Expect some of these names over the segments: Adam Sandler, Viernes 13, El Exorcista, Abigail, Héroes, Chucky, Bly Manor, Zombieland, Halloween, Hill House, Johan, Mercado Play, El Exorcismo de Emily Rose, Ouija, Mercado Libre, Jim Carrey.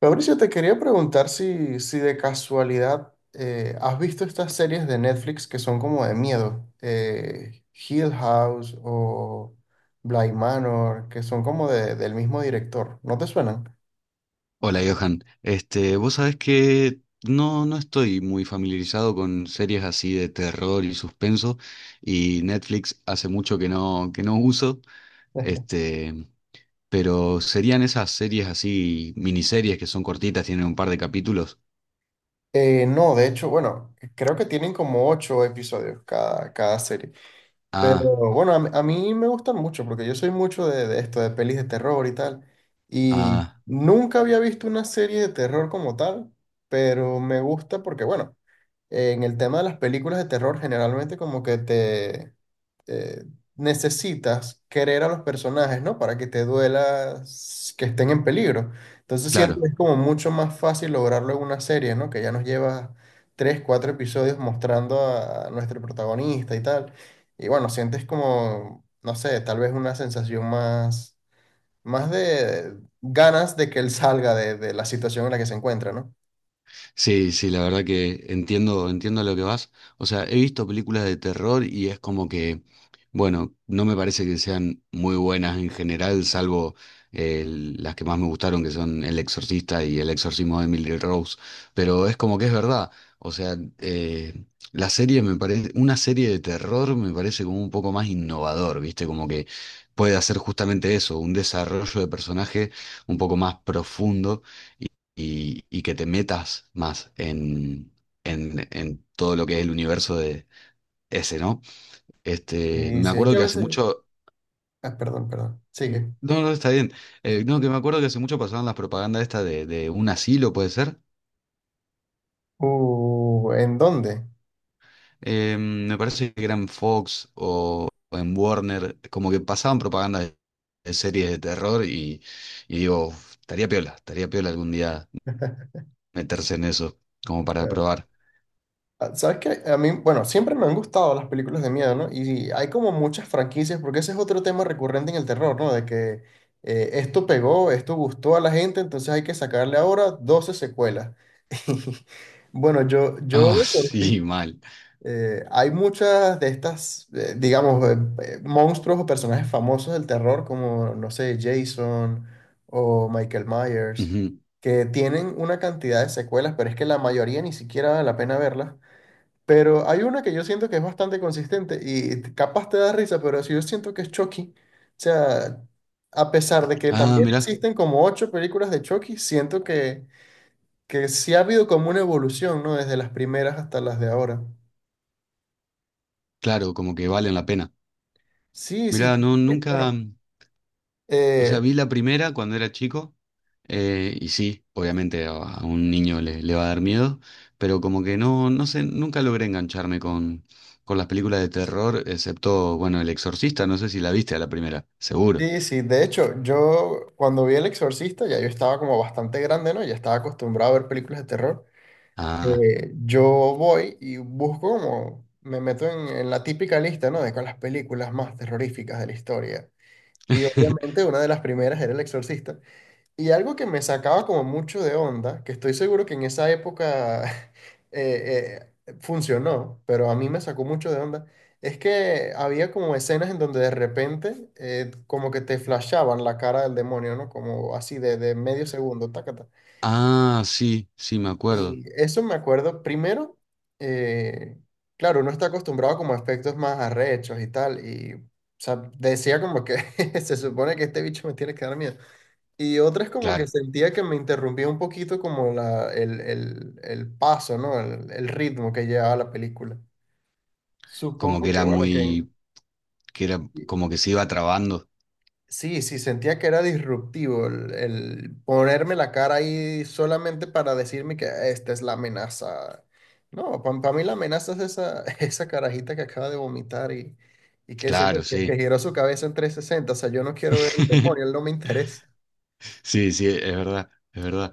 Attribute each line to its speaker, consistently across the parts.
Speaker 1: Fabricio, te quería preguntar si de casualidad has visto estas series de Netflix que son como de miedo, Hill House o Bly Manor, que son del mismo director, ¿no te suenan?
Speaker 2: Hola Johan, vos sabés que no estoy muy familiarizado con series así de terror y suspenso, y Netflix hace mucho que no uso. este, pero serían esas series así, miniseries que son cortitas, tienen un par de capítulos.
Speaker 1: No, de hecho, bueno, creo que tienen como 8 episodios cada serie, pero
Speaker 2: Ah,
Speaker 1: bueno, a mí me gustan mucho porque yo soy mucho de esto, de pelis de terror y tal, y
Speaker 2: ah,
Speaker 1: nunca había visto una serie de terror como tal, pero me gusta porque, bueno, en el tema de las películas de terror, generalmente como que te eh, necesitas querer a los personajes, ¿no? Para que te duela que estén en peligro. Entonces siento
Speaker 2: claro.
Speaker 1: que es como mucho más fácil lograrlo en una serie, ¿no? Que ya nos lleva tres, cuatro episodios mostrando a nuestro protagonista y tal. Y bueno, sientes como, no sé, tal vez más de ganas de que él salga de la situación en la que se encuentra, ¿no?
Speaker 2: Sí, sí, la verdad que entiendo a lo que vas. O sea, he visto películas de terror y es como que, bueno, no me parece que sean muy buenas en general, salvo las que más me gustaron, que son El Exorcista y El Exorcismo de Emily Rose. Pero es como que es verdad. O sea, la serie me parece, una serie de terror me parece como un poco más innovador, ¿viste? Como que puede hacer justamente eso, un desarrollo de personaje un poco más profundo y que te metas más en todo lo que es el universo de ese, ¿no? Este,
Speaker 1: Y
Speaker 2: me
Speaker 1: si es
Speaker 2: acuerdo
Speaker 1: que a
Speaker 2: que hace
Speaker 1: veces...
Speaker 2: mucho.
Speaker 1: Ah, perdón, perdón. Sigue.
Speaker 2: No, está bien. No, que me acuerdo que hace mucho pasaban las propagandas esta de un asilo, puede ser.
Speaker 1: ¿En dónde?
Speaker 2: Me parece que era en Fox o en Warner, como que pasaban propaganda de series de terror y digo: "Uf, estaría piola algún día meterse en eso, como para
Speaker 1: Eh,
Speaker 2: probar".
Speaker 1: ¿Sabes qué? A mí, bueno, siempre me han gustado las películas de miedo, ¿no? Y hay como muchas franquicias, porque ese es otro tema recurrente en el terror, ¿no? De que esto pegó, esto gustó a la gente, entonces hay que sacarle ahora 12 secuelas. Y bueno, yo
Speaker 2: Ah,
Speaker 1: de por
Speaker 2: sí,
Speaker 1: sí,
Speaker 2: mal.
Speaker 1: Hay muchas de estas, monstruos o personajes famosos del terror, como, no sé, Jason o Michael Myers,
Speaker 2: Ujú.
Speaker 1: que tienen una cantidad de secuelas, pero es que la mayoría ni siquiera vale la pena verlas. Pero hay una que yo siento que es bastante consistente y capaz te da risa, pero si yo siento que es Chucky. O sea, a pesar de que
Speaker 2: Ah,
Speaker 1: también
Speaker 2: mirá.
Speaker 1: existen como 8 películas de Chucky, siento que sí ha habido como una evolución, ¿no? Desde las primeras hasta las de ahora.
Speaker 2: Claro, como que valen la pena.
Speaker 1: Sí, sí,
Speaker 2: Mira, no,
Speaker 1: porque,
Speaker 2: nunca,
Speaker 1: bueno,
Speaker 2: o sea,
Speaker 1: eh,
Speaker 2: vi la primera cuando era chico. Y sí, obviamente a un niño le va a dar miedo, pero como que no, no sé, nunca logré engancharme con las películas de terror, excepto, bueno, El Exorcista. No sé si la viste a la primera, seguro.
Speaker 1: sí, sí, de hecho, yo cuando vi El Exorcista, ya yo estaba como bastante grande, ¿no? Ya estaba acostumbrado a ver películas de terror.
Speaker 2: Ah,
Speaker 1: Yo voy y busco como, me meto en la típica lista, ¿no? De con las películas más terroríficas de la historia. Y obviamente una de las primeras era El Exorcista. Y algo que me sacaba como mucho de onda, que estoy seguro que en esa época funcionó, pero a mí me sacó mucho de onda, es que había como escenas en donde de repente como que te flashaban la cara del demonio, ¿no? Como así de medio segundo, tácata.
Speaker 2: ah, sí, sí, me acuerdo.
Speaker 1: Y eso me acuerdo, primero, eh, claro, uno está acostumbrado como a efectos más arrechos y tal, y o sea, decía como que se supone que este bicho me tiene que dar miedo. Y otras como que
Speaker 2: Claro,
Speaker 1: sentía que me interrumpía un poquito como el paso, ¿no? El ritmo que llevaba la película.
Speaker 2: como que
Speaker 1: Supongo que,
Speaker 2: era
Speaker 1: bueno,
Speaker 2: muy, que era
Speaker 1: y-
Speaker 2: como que se iba trabando.
Speaker 1: sí, sí, sentía que era disruptivo el ponerme la cara ahí solamente para decirme que esta es la amenaza. No, para mí la amenaza es esa, esa carajita que acaba de vomitar y qué sé yo,
Speaker 2: Claro,
Speaker 1: que
Speaker 2: sí.
Speaker 1: giró su cabeza en 360. O sea, yo no quiero ver el demonio, él no me interesa.
Speaker 2: Sí, sí, es verdad, es verdad.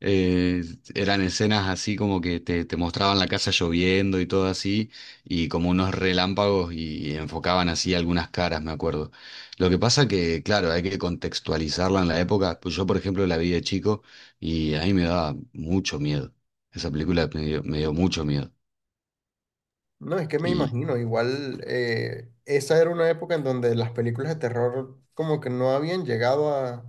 Speaker 2: Eh, eran escenas así como que te mostraban la casa lloviendo y todo así, y como unos relámpagos y enfocaban así algunas caras, me acuerdo. Lo que pasa que, claro, hay que contextualizarla en la época. Pues yo, por ejemplo, la vi de chico y a mí me daba mucho miedo. Esa película me dio mucho miedo.
Speaker 1: No, es que me
Speaker 2: Y,
Speaker 1: imagino, igual esa era una época en donde las películas de terror como que no habían llegado a,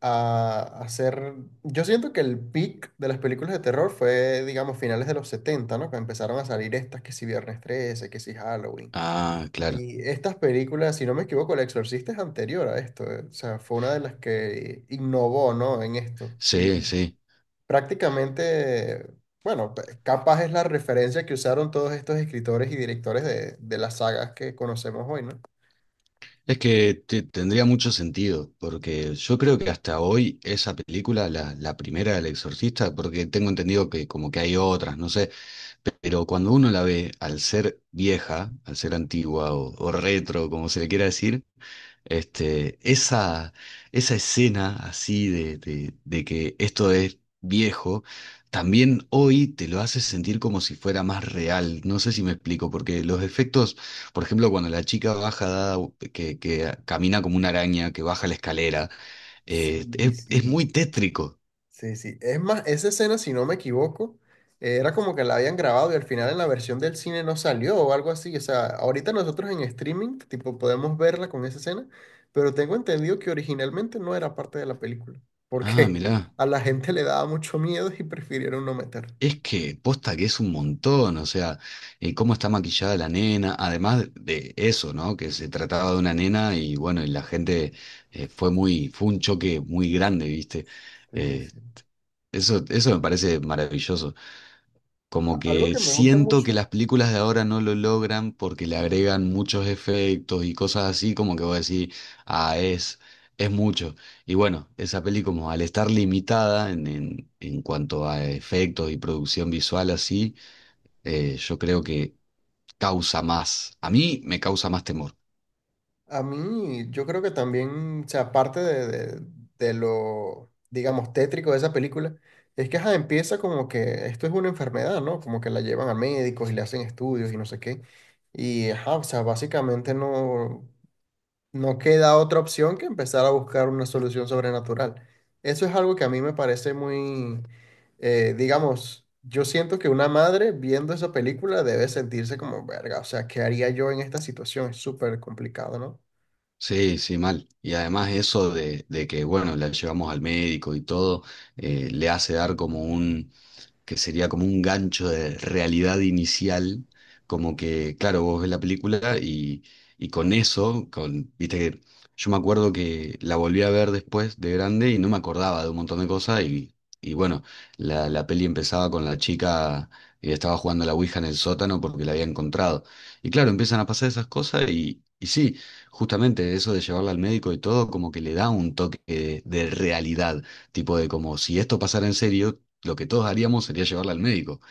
Speaker 1: a, a ser... Yo siento que el peak de las películas de terror fue, digamos, finales de los setenta, ¿no? Que empezaron a salir estas, que si Viernes 13, que si Halloween.
Speaker 2: ah, claro,
Speaker 1: Y estas películas, si no me equivoco, El Exorcista es anterior a esto, o sea, fue una de las que innovó, ¿no? En esto.
Speaker 2: sí, sí.
Speaker 1: Prácticamente, bueno, capaz es la referencia que usaron todos estos escritores y directores de las sagas que conocemos hoy, ¿no?
Speaker 2: Es que te- tendría mucho sentido, porque yo creo que hasta hoy esa película, la primera del Exorcista, porque tengo entendido que como que hay otras, no sé, pero cuando uno la ve, al ser vieja, al ser antigua o retro, como se le quiera decir, este, esa, esa escena así de que esto es viejo, también hoy te lo hace sentir como si fuera más real. No sé si me explico, porque los efectos, por ejemplo, cuando la chica baja, dada- que camina como una araña, que baja la escalera,
Speaker 1: Sí,
Speaker 2: es muy
Speaker 1: sí.
Speaker 2: tétrico.
Speaker 1: Sí, sí. Es más, esa escena, si no me equivoco, era como que la habían grabado y al final en la versión del cine no salió o algo así. O sea, ahorita nosotros en streaming, tipo, podemos verla con esa escena, pero tengo entendido que originalmente no era parte de la película,
Speaker 2: Ah,
Speaker 1: porque
Speaker 2: mirá.
Speaker 1: a la gente le daba mucho miedo y prefirieron no meter.
Speaker 2: Es que posta que es un montón. O sea, cómo está maquillada la nena, además de eso, ¿no? Que se trataba de una nena y bueno, y la gente fue un choque muy grande, ¿viste?
Speaker 1: Sí,
Speaker 2: Eh,
Speaker 1: sí.
Speaker 2: eso me parece maravilloso. Como
Speaker 1: A- Algo
Speaker 2: que
Speaker 1: que me gusta
Speaker 2: siento que
Speaker 1: mucho.
Speaker 2: las películas de ahora no lo logran porque le agregan muchos efectos y cosas así, como que voy a decir, ah, es mucho. Y bueno, esa peli como al estar limitada en cuanto a efectos y producción visual así, yo creo que a mí me causa más temor.
Speaker 1: A mí, yo creo que también, o sea, de lo, digamos, tétrico de esa película, es que ajá, empieza como que esto es una enfermedad, ¿no? Como que la llevan a médicos y le hacen estudios y no sé qué. Y, ajá, o sea, básicamente no queda otra opción que empezar a buscar una solución sobrenatural. Eso es algo que a mí me parece digamos, yo siento que una madre viendo esa película debe sentirse como, verga, o sea, ¿qué haría yo en esta situación? Es súper complicado, ¿no?
Speaker 2: Sí, sí, mal. Y además eso de que, bueno, la llevamos al médico y todo, le hace dar como un, que sería como un gancho de realidad inicial, como que, claro, vos ves la película y con eso, con, viste que yo me acuerdo que la volví a ver después de grande y no me acordaba de un montón de cosas y bueno, la peli empezaba con la chica que estaba jugando a la Ouija en el sótano porque la había encontrado. Y claro, empiezan a pasar esas cosas y sí, justamente eso de llevarla al médico y todo, como que le da un toque de realidad. Tipo de como si esto pasara en serio, lo que todos haríamos sería llevarla al médico.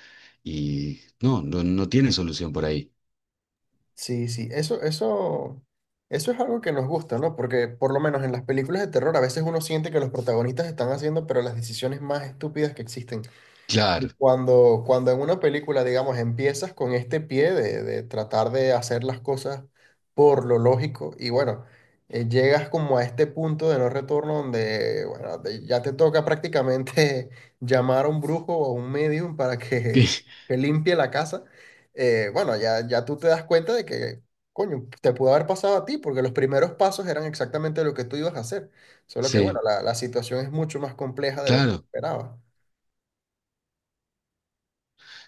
Speaker 2: Y no, no, no tiene solución por ahí.
Speaker 1: Sí, sí, eso es algo que nos gusta, ¿no? Porque por lo menos en las películas de terror a veces uno siente que los protagonistas están haciendo, pero las decisiones más estúpidas que existen. Y
Speaker 2: Claro.
Speaker 1: Cuando en una película, digamos, empiezas con este pie de tratar de hacer las cosas por lo lógico y bueno, llegas como a este punto de no retorno donde, bueno, ya te toca prácticamente llamar a un brujo o a un medium para que limpie la casa, bueno, ya tú te das cuenta de que, coño, te pudo haber pasado a ti porque los primeros pasos eran exactamente lo que tú ibas a hacer, solo que bueno,
Speaker 2: Sí,
Speaker 1: la situación es mucho más compleja de lo que
Speaker 2: claro.
Speaker 1: esperabas.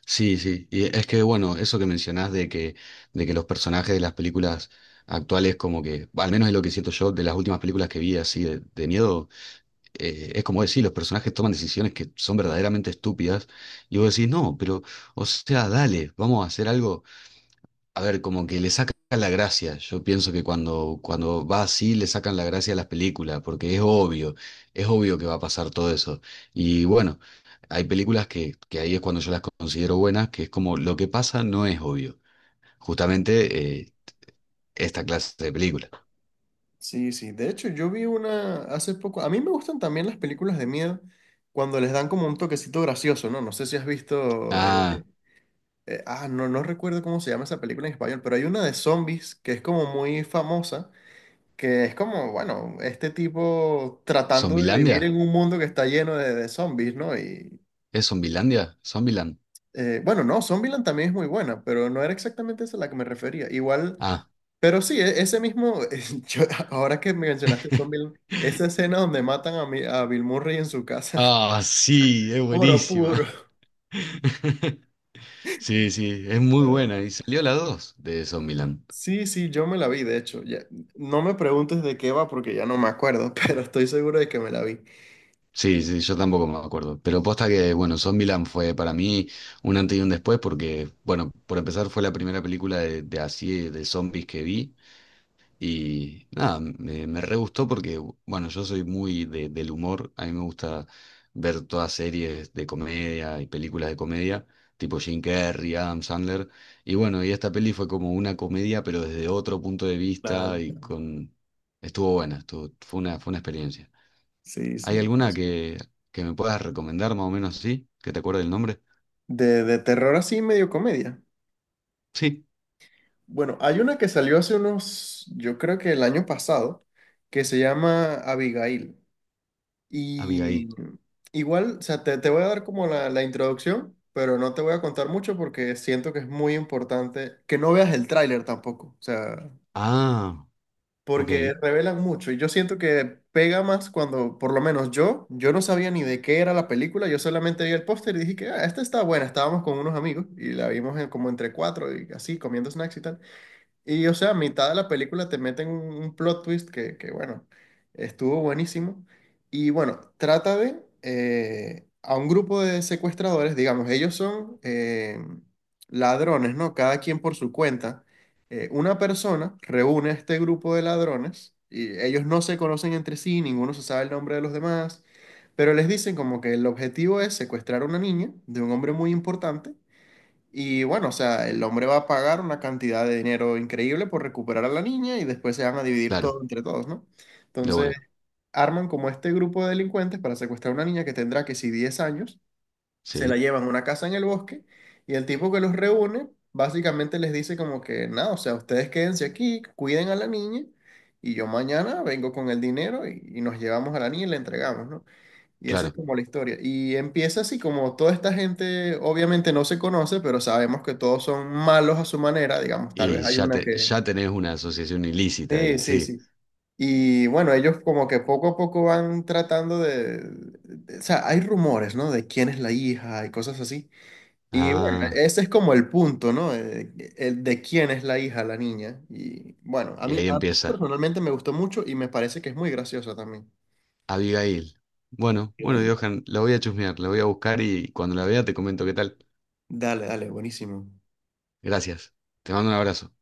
Speaker 2: Sí, sí. Y es que, bueno, eso que mencionás de que los personajes de las películas actuales, como que, al menos es lo que siento yo de las últimas películas que vi así de miedo, es como decir, los personajes toman decisiones que son verdaderamente estúpidas. Y vos decís, no, pero, o sea, dale, vamos a hacer algo. A ver, como que le sacan la gracia. Yo pienso que cuando va así le sacan la gracia a las películas, porque es obvio que va a pasar todo eso. Y bueno, hay películas que ahí es cuando yo las considero buenas, que es como lo que pasa no es obvio. Justamente esta clase de película.
Speaker 1: Sí, sí. De hecho, yo vi una hace poco. A mí me gustan también las películas de miedo cuando les dan como un toquecito gracioso, ¿no? No sé si has visto.
Speaker 2: Ah,
Speaker 1: No, no recuerdo cómo se llama esa película en español, pero hay una de zombies que es como muy famosa, que es como, bueno, este tipo tratando de vivir
Speaker 2: ¿Zombilandia?
Speaker 1: en un mundo que está lleno de zombies, ¿no? Y
Speaker 2: ¿Es Zombilandia? ¿Zombiland?
Speaker 1: bueno, no, Zombieland también es muy buena, pero no era exactamente esa a la que me refería. Igual.
Speaker 2: Ah.
Speaker 1: Pero sí, ese mismo, yo- ahora que me mencionaste Zombieland, esa escena donde matan a Bill Murray en su casa,
Speaker 2: Ah, sí, es
Speaker 1: oro
Speaker 2: buenísima.
Speaker 1: puro.
Speaker 2: Sí, sí, es muy
Speaker 1: Ay.
Speaker 2: buena. Y salió la 2 de Zombieland.
Speaker 1: Sí, sí, yo me la vi, de hecho. No me preguntes de qué va porque ya no me acuerdo, pero estoy seguro de que me la vi.
Speaker 2: Sí, sí, yo tampoco me acuerdo. Pero posta que, bueno, Zombieland fue para mí un antes y un después porque, bueno, por empezar fue la primera película de zombies que vi. Y nada, me re gustó porque, bueno, yo soy muy de- del humor. A mí me gusta ver todas series de comedia y películas de comedia, tipo Jim Carrey, Adam Sandler. Y bueno, y esta peli fue como una comedia, pero desde otro punto de
Speaker 1: Claro,
Speaker 2: vista y
Speaker 1: claro.
Speaker 2: con... Estuvo buena, fue una experiencia.
Speaker 1: Sí,
Speaker 2: ¿Hay
Speaker 1: sí.
Speaker 2: alguna que me puedas recomendar más o menos así? ¿Que te acuerdes el nombre?
Speaker 1: De terror así, medio comedia.
Speaker 2: Sí,
Speaker 1: Bueno, hay una que salió hace unos, yo creo que el año pasado, que se llama Abigail.
Speaker 2: Abigail.
Speaker 1: Y igual, o sea, te voy a dar como la introducción, pero no te voy a contar mucho porque siento que es muy importante que no veas el tráiler tampoco, o sea,
Speaker 2: Ah, ok,
Speaker 1: porque revelan mucho y yo siento que pega más cuando, por lo menos yo, yo no sabía ni de qué era la película, yo solamente vi el póster y dije que, ah, esta está buena, estábamos con unos amigos y la vimos como entre cuatro y así, comiendo snacks y tal. Y o sea, a mitad de la película te meten un plot twist que, bueno, estuvo buenísimo. Y bueno, trata de a un grupo de secuestradores, digamos, ellos son ladrones, ¿no? Cada quien por su cuenta. Una persona reúne a este grupo de ladrones y ellos no se conocen entre sí, ninguno se sabe el nombre de los demás, pero les dicen como que el objetivo es secuestrar a una niña de un hombre muy importante y bueno, o sea, el hombre va a pagar una cantidad de dinero increíble por recuperar a la niña y después se van a dividir
Speaker 2: claro,
Speaker 1: todo entre todos, ¿no?
Speaker 2: de
Speaker 1: Entonces,
Speaker 2: una,
Speaker 1: arman como este grupo de delincuentes para secuestrar a una niña que tendrá que si 10 años, se la
Speaker 2: sí,
Speaker 1: llevan a una casa en el bosque y el tipo que los reúne básicamente les dice como que, nada, o sea, ustedes quédense aquí, cuiden a la niña y yo mañana vengo con el dinero y nos llevamos a la niña y la entregamos, ¿no? Y esa es
Speaker 2: claro.
Speaker 1: como la historia. Y empieza así como toda esta gente obviamente no se conoce, pero sabemos que todos son malos a su manera, digamos, tal vez
Speaker 2: Y
Speaker 1: hay
Speaker 2: ya,
Speaker 1: una
Speaker 2: te,
Speaker 1: que...
Speaker 2: ya tenés una asociación ilícita
Speaker 1: Sí,
Speaker 2: ahí,
Speaker 1: sí,
Speaker 2: sí.
Speaker 1: sí. Y bueno, ellos como que poco a poco van tratando de... O sea, hay rumores, ¿no? De quién es la hija y cosas así. Y bueno,
Speaker 2: Ah,
Speaker 1: ese es como el punto, ¿no? El de quién es la hija, la niña. Y bueno,
Speaker 2: y ahí
Speaker 1: a mí
Speaker 2: empieza.
Speaker 1: personalmente me gustó mucho y me parece que es muy graciosa también.
Speaker 2: Abigail. Bueno, bueno,
Speaker 1: Ahí.
Speaker 2: Johan, la voy a chusmear, la voy a buscar y cuando la vea te comento qué tal.
Speaker 1: Dale, dale, buenísimo.
Speaker 2: Gracias. Te mando un abrazo.